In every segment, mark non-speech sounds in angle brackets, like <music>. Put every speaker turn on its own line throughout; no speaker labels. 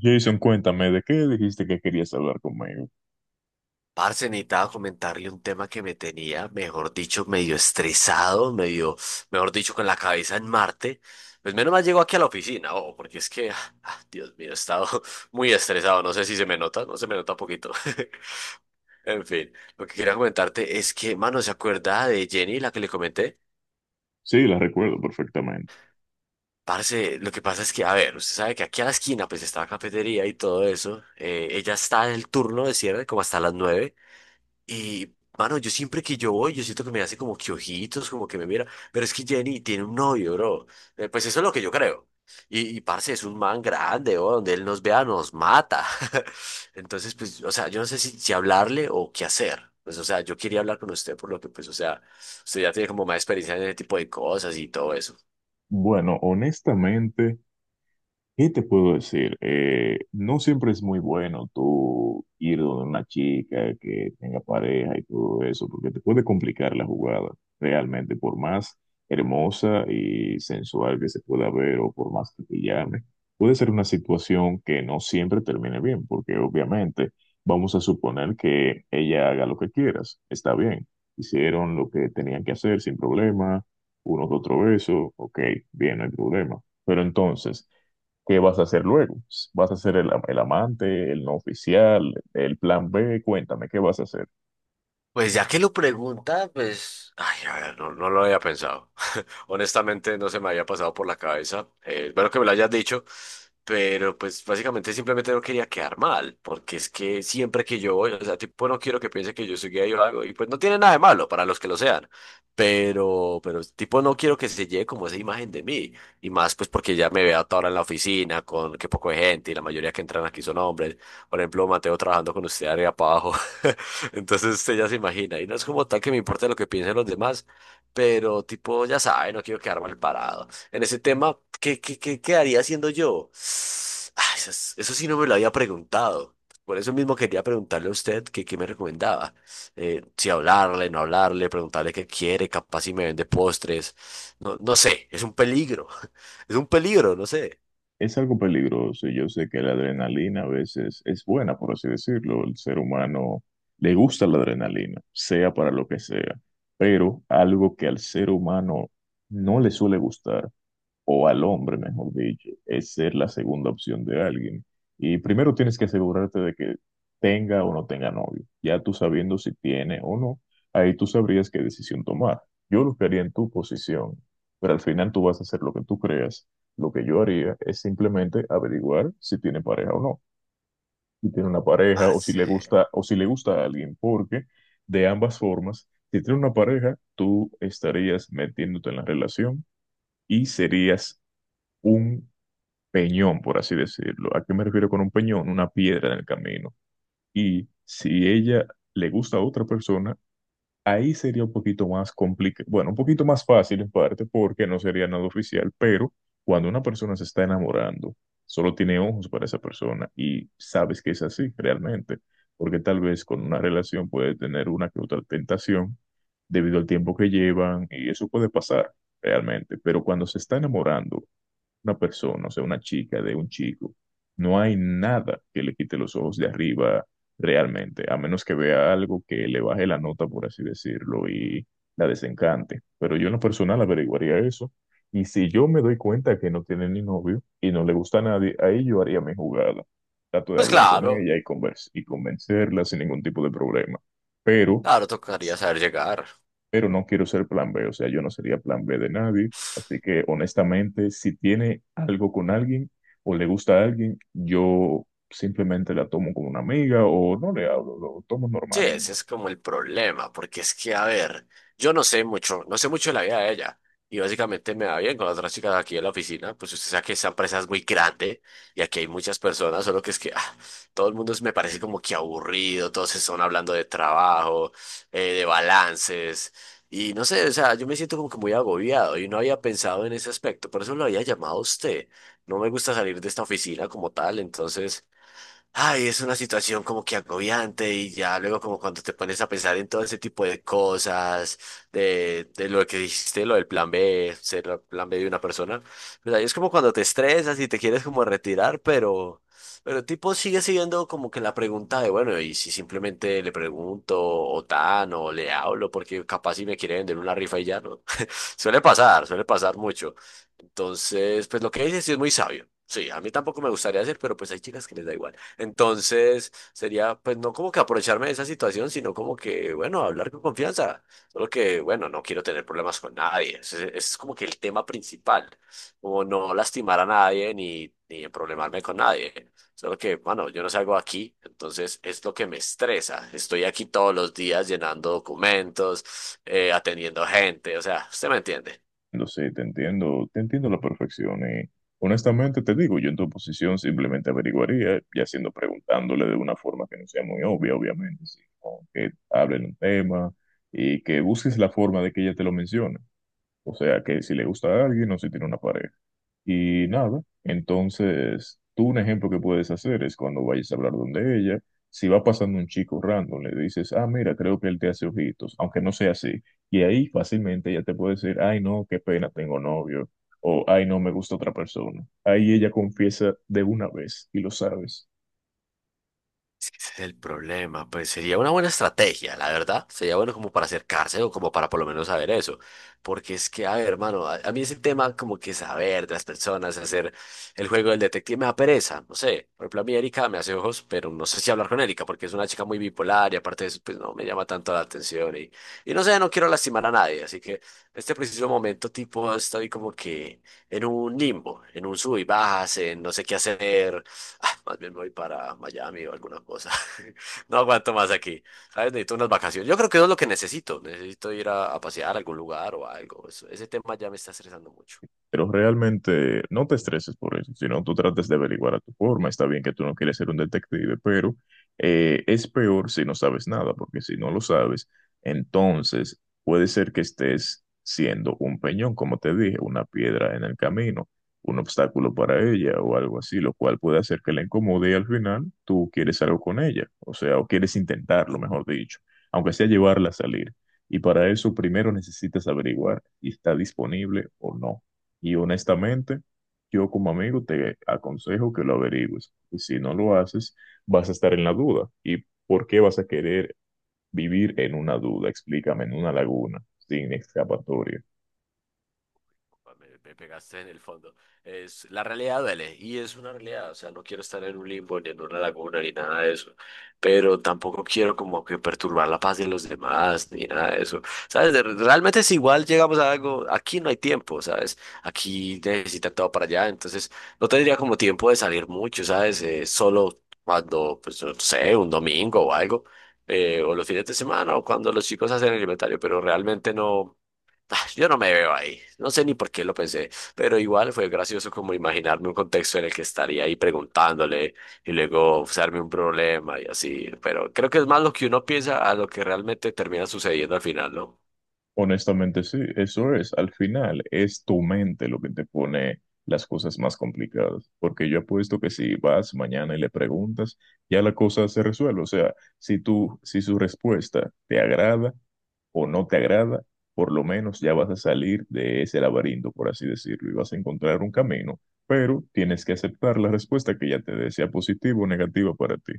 Jason, cuéntame, ¿de qué dijiste que querías hablar conmigo?
Parce, necesitaba comentarle un tema que me tenía, mejor dicho, medio estresado, medio, mejor dicho, con la cabeza en Marte. Pues menos mal llegó aquí a la oficina, oh, porque es que, Dios mío, he estado <laughs> muy estresado. No sé si se me nota, no se me nota poquito. <laughs> En fin, lo que quería comentarte es que, mano, ¿se acuerda de Jenny, la que le comenté?
Sí, la recuerdo perfectamente.
Parce, lo que pasa es que, a ver, usted sabe que aquí a la esquina, pues está la cafetería y todo eso. Ella está en el turno de cierre, como hasta las nueve. Y, mano, yo siempre que yo voy, yo siento que me hace como que ojitos, como que me mira. Pero es que Jenny tiene un novio, bro. Pues eso es lo que yo creo. Y parce, es un man grande, bro. Donde él nos vea, nos mata. <laughs> Entonces, pues, o sea, yo no sé si hablarle o qué hacer. Pues, o sea, yo quería hablar con usted por lo que, pues, o sea, usted ya tiene como más experiencia en ese tipo de cosas y todo eso.
Bueno, honestamente, ¿qué te puedo decir? No siempre es muy bueno tú ir donde una chica que tenga pareja y todo eso, porque te puede complicar la jugada realmente, por más hermosa y sensual que se pueda ver o por más que te llame. Puede ser una situación que no siempre termine bien, porque obviamente vamos a suponer que ella haga lo que quieras, está bien, hicieron lo que tenían que hacer sin problema, uno que otro beso, ok, bien, no hay problema. Pero entonces, ¿qué vas a hacer luego? ¿Vas a ser el amante, el no oficial, el plan B? Cuéntame, ¿qué vas a hacer?
Pues ya que lo pregunta, pues, ay, a ver, no lo había pensado. Honestamente no se me había pasado por la cabeza. Bueno que me lo hayas dicho, pero pues básicamente simplemente no quería quedar mal, porque es que siempre que yo voy, o sea, tipo, no quiero que piense que yo soy gay o algo, y pues no tiene nada de malo para los que lo sean, pero tipo, no quiero que se lleve como esa imagen de mí, y más pues porque ya me veo a toda hora en la oficina con que poco de gente y la mayoría que entran aquí son hombres. Por ejemplo, Mateo trabajando con usted arriba para abajo. <laughs> Entonces usted ya se imagina. Y no es como tal que me importe lo que piensen los demás, pero tipo, ya sabe, no quiero quedar mal parado. En ese tema, ¿qué quedaría haciendo yo? Ah, eso, eso sí no me lo había preguntado. Por eso mismo quería preguntarle a usted que qué me recomendaba. Si hablarle, no hablarle, preguntarle qué quiere, capaz si me vende postres. No, no sé, es un peligro. <laughs> Es un peligro, no sé.
Es algo peligroso y yo sé que la adrenalina a veces es buena, por así decirlo. El ser humano le gusta la adrenalina, sea para lo que sea, pero algo que al ser humano no le suele gustar, o al hombre, mejor dicho, es ser la segunda opción de alguien. Y primero tienes que asegurarte de que tenga o no tenga novio. Ya tú sabiendo si tiene o no, ahí tú sabrías qué decisión tomar. Yo lo que haría en tu posición, pero al final tú vas a hacer lo que tú creas. Lo que yo haría es simplemente averiguar si tiene pareja o no, si tiene una pareja o si
Parce.
le gusta o si le gusta a alguien, porque de ambas formas, si tiene una pareja, tú estarías metiéndote en la relación y serías un peñón, por así decirlo. ¿A qué me refiero con un peñón? Una piedra en el camino. Y si ella le gusta a otra persona, ahí sería un poquito más complicado, bueno, un poquito más fácil en parte porque no sería nada oficial, pero cuando una persona se está enamorando, solo tiene ojos para esa persona y sabes que es así realmente, porque tal vez con una relación puede tener una que otra tentación debido al tiempo que llevan y eso puede pasar realmente, pero cuando se está enamorando una persona, o sea, una chica, de un chico, no hay nada que le quite los ojos de arriba realmente, a menos que vea algo que le baje la nota, por así decirlo, y la desencante. Pero yo en lo personal averiguaría eso. Y si yo me doy cuenta que no tiene ni novio y no le gusta a nadie, ahí yo haría mi jugada. Trato de
Pues
hablar con
claro,
ella y y convencerla sin ningún tipo de problema. Pero
claro, tocaría saber llegar.
pero no quiero ser plan B, o sea, yo no sería plan B de nadie. Así que honestamente, si tiene algo con alguien o le gusta a alguien, yo simplemente la tomo como una amiga o no le hablo, lo tomo
Sí,
normal.
ese
Y,
es como el problema, porque es que, a ver, yo no sé mucho, no sé mucho de la vida de ella. Y básicamente me va bien con las otras chicas aquí en la oficina, pues usted sabe que esta empresa es muy grande y aquí hay muchas personas, solo que es que todo el mundo me parece como que aburrido, todos están hablando de trabajo, de balances, y no sé, o sea, yo me siento como que muy agobiado y no había pensado en ese aspecto, por eso lo había llamado a usted. No me gusta salir de esta oficina como tal, entonces… Ay, es una situación como que agobiante y ya luego como cuando te pones a pensar en todo ese tipo de cosas, de lo que dijiste, lo del plan B, ser el plan B de una persona, pues ahí es como cuando te estresas y te quieres como retirar, pero tipo sigue siendo como que la pregunta de, bueno, y si simplemente le pregunto o tan o le hablo porque capaz si me quiere vender una rifa y ya no. <laughs> Suele pasar mucho. Entonces, pues lo que dices sí es muy sabio. Sí, a mí tampoco me gustaría hacer, pero pues hay chicas que les da igual. Entonces, sería pues no como que aprovecharme de esa situación, sino como que, bueno, hablar con confianza. Solo que, bueno, no quiero tener problemas con nadie. Ese es como que el tema principal, como no lastimar a nadie ni problemarme con nadie. Solo que, bueno, yo no salgo aquí, entonces es lo que me estresa. Estoy aquí todos los días llenando documentos, atendiendo gente, o sea, usted me entiende.
no sé, te entiendo a la perfección. Y honestamente te digo, yo en tu posición simplemente averiguaría, ya siendo preguntándole de una forma que no sea muy obvia, obviamente, sino que hablen un tema y que busques la forma de que ella te lo mencione. O sea, que si le gusta a alguien o si tiene una pareja. Y nada, entonces tú, un ejemplo que puedes hacer es cuando vayas a hablar donde ella, si va pasando un chico random, le dices, ah, mira, creo que él te hace ojitos, aunque no sea así. Y ahí fácilmente ella te puede decir, ay, no, qué pena, tengo novio, o ay, no, me gusta otra persona. Ahí ella confiesa de una vez y lo sabes.
Ese es el problema, pues sería una buena estrategia, la verdad. Sería bueno como para acercarse o como para por lo menos saber eso. Porque es que, a ver, hermano, a mí ese tema como que saber de las personas, hacer el juego del detective me da pereza, no sé. Por ejemplo, a mí Erika me hace ojos, pero no sé si hablar con Erika porque es una chica muy bipolar y aparte de eso, pues no me llama tanto la atención y no sé, no quiero lastimar a nadie. Así que en este preciso momento, tipo, estoy como que en un limbo, en un sub y bajas, en no sé qué hacer. Ah, más bien me voy para Miami o alguna cosa. <laughs> No aguanto más aquí. ¿Sabes? Necesito unas vacaciones. Yo creo que eso es lo que necesito. Necesito ir a pasear a algún lugar o algo. Ese tema ya me está estresando mucho.
Pero realmente no te estreses por eso, sino tú trates de averiguar a tu forma. Está bien que tú no quieres ser un detective, pero es peor si no sabes nada, porque si no lo sabes, entonces puede ser que estés siendo un peñón, como te dije, una piedra en el camino, un obstáculo para ella o algo así, lo cual puede hacer que la incomode, y al final tú quieres algo con ella, o sea, o quieres intentarlo, mejor dicho, aunque sea llevarla a salir. Y para eso primero necesitas averiguar si está disponible o no. Y honestamente, yo como amigo te aconsejo que lo averigües. Y si no lo haces, vas a estar en la duda. ¿Y por qué vas a querer vivir en una duda? Explícame, en una laguna, sin escapatoria.
Me pegaste en el fondo. Es, la realidad duele y es una realidad. O sea, no quiero estar en un limbo ni en una laguna ni nada de eso. Pero tampoco quiero como que perturbar la paz de los demás ni nada de eso. ¿Sabes? Realmente si igual llegamos a algo, aquí no hay tiempo, ¿sabes? Aquí necesita todo para allá. Entonces no tendría como tiempo de salir mucho, ¿sabes? Solo cuando, pues no sé, un domingo o algo. O los fines de semana o cuando los chicos hacen el inventario. Pero realmente no. Ah, yo no me veo ahí, no sé ni por qué lo pensé, pero igual fue gracioso como imaginarme un contexto en el que estaría ahí preguntándole y luego usarme un problema y así, pero creo que es más lo que uno piensa a lo que realmente termina sucediendo al final, ¿no?
Honestamente, sí, eso es. Al final, es tu mente lo que te pone las cosas más complicadas. Porque yo apuesto que si vas mañana y le preguntas, ya la cosa se resuelve. O sea, si tú, si su respuesta te agrada o no te agrada, por lo menos ya vas a salir de ese laberinto, por así decirlo, y vas a encontrar un camino, pero tienes que aceptar la respuesta que ya te dé, sea positiva o negativa para ti.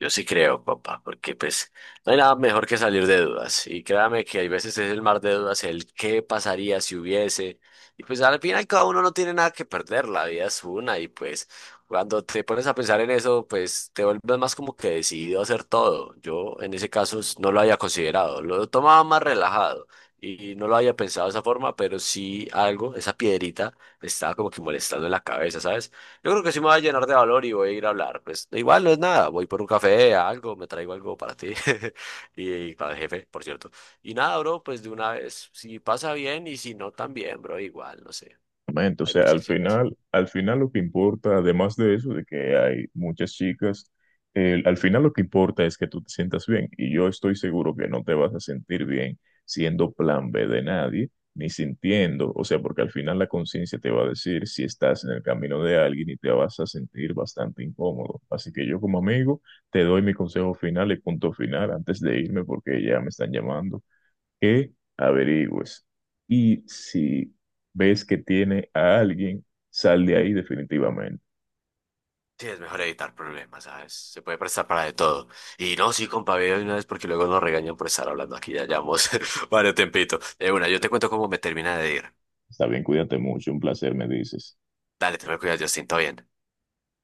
Yo sí creo, papá, porque pues no hay nada mejor que salir de dudas. Y créame que hay veces es el mar de dudas, el qué pasaría si hubiese. Y pues al final cada uno no tiene nada que perder, la vida es una. Y pues cuando te pones a pensar en eso, pues te vuelves más como que decidido a hacer todo. Yo en ese caso no lo había considerado, lo tomaba más relajado y no lo había pensado de esa forma, pero sí algo, esa piedrita, me estaba como que molestando en la cabeza, ¿sabes? Yo creo que sí me va a llenar de valor y voy a ir a hablar. Pues igual no es nada, voy por un café, a algo, me traigo algo para ti <laughs> y para el jefe, por cierto. Y nada, bro, pues de una vez, si pasa bien y si no también, bro, igual, no sé.
Exactamente, o
Hay
sea,
muchas chicas.
al final lo que importa, además de eso, de que hay muchas chicas, al final lo que importa es que tú te sientas bien. Y yo estoy seguro que no te vas a sentir bien siendo plan B de nadie, ni sintiendo, o sea, porque al final la conciencia te va a decir si estás en el camino de alguien y te vas a sentir bastante incómodo. Así que yo como amigo te doy mi consejo final y punto final antes de irme porque ya me están llamando, que averigües. Y si ves que tiene a alguien, sal de ahí definitivamente.
Sí, es mejor evitar problemas, ¿sabes? Se puede prestar para de todo. Y no, sí, compa, ve de una vez porque luego nos regañan por estar hablando aquí, ya llevamos <laughs> varios tempito. De una, yo te cuento cómo me termina de ir.
Está bien, cuídate mucho, un placer, me dices.
Dale, te me cuidas, Justin, todo bien.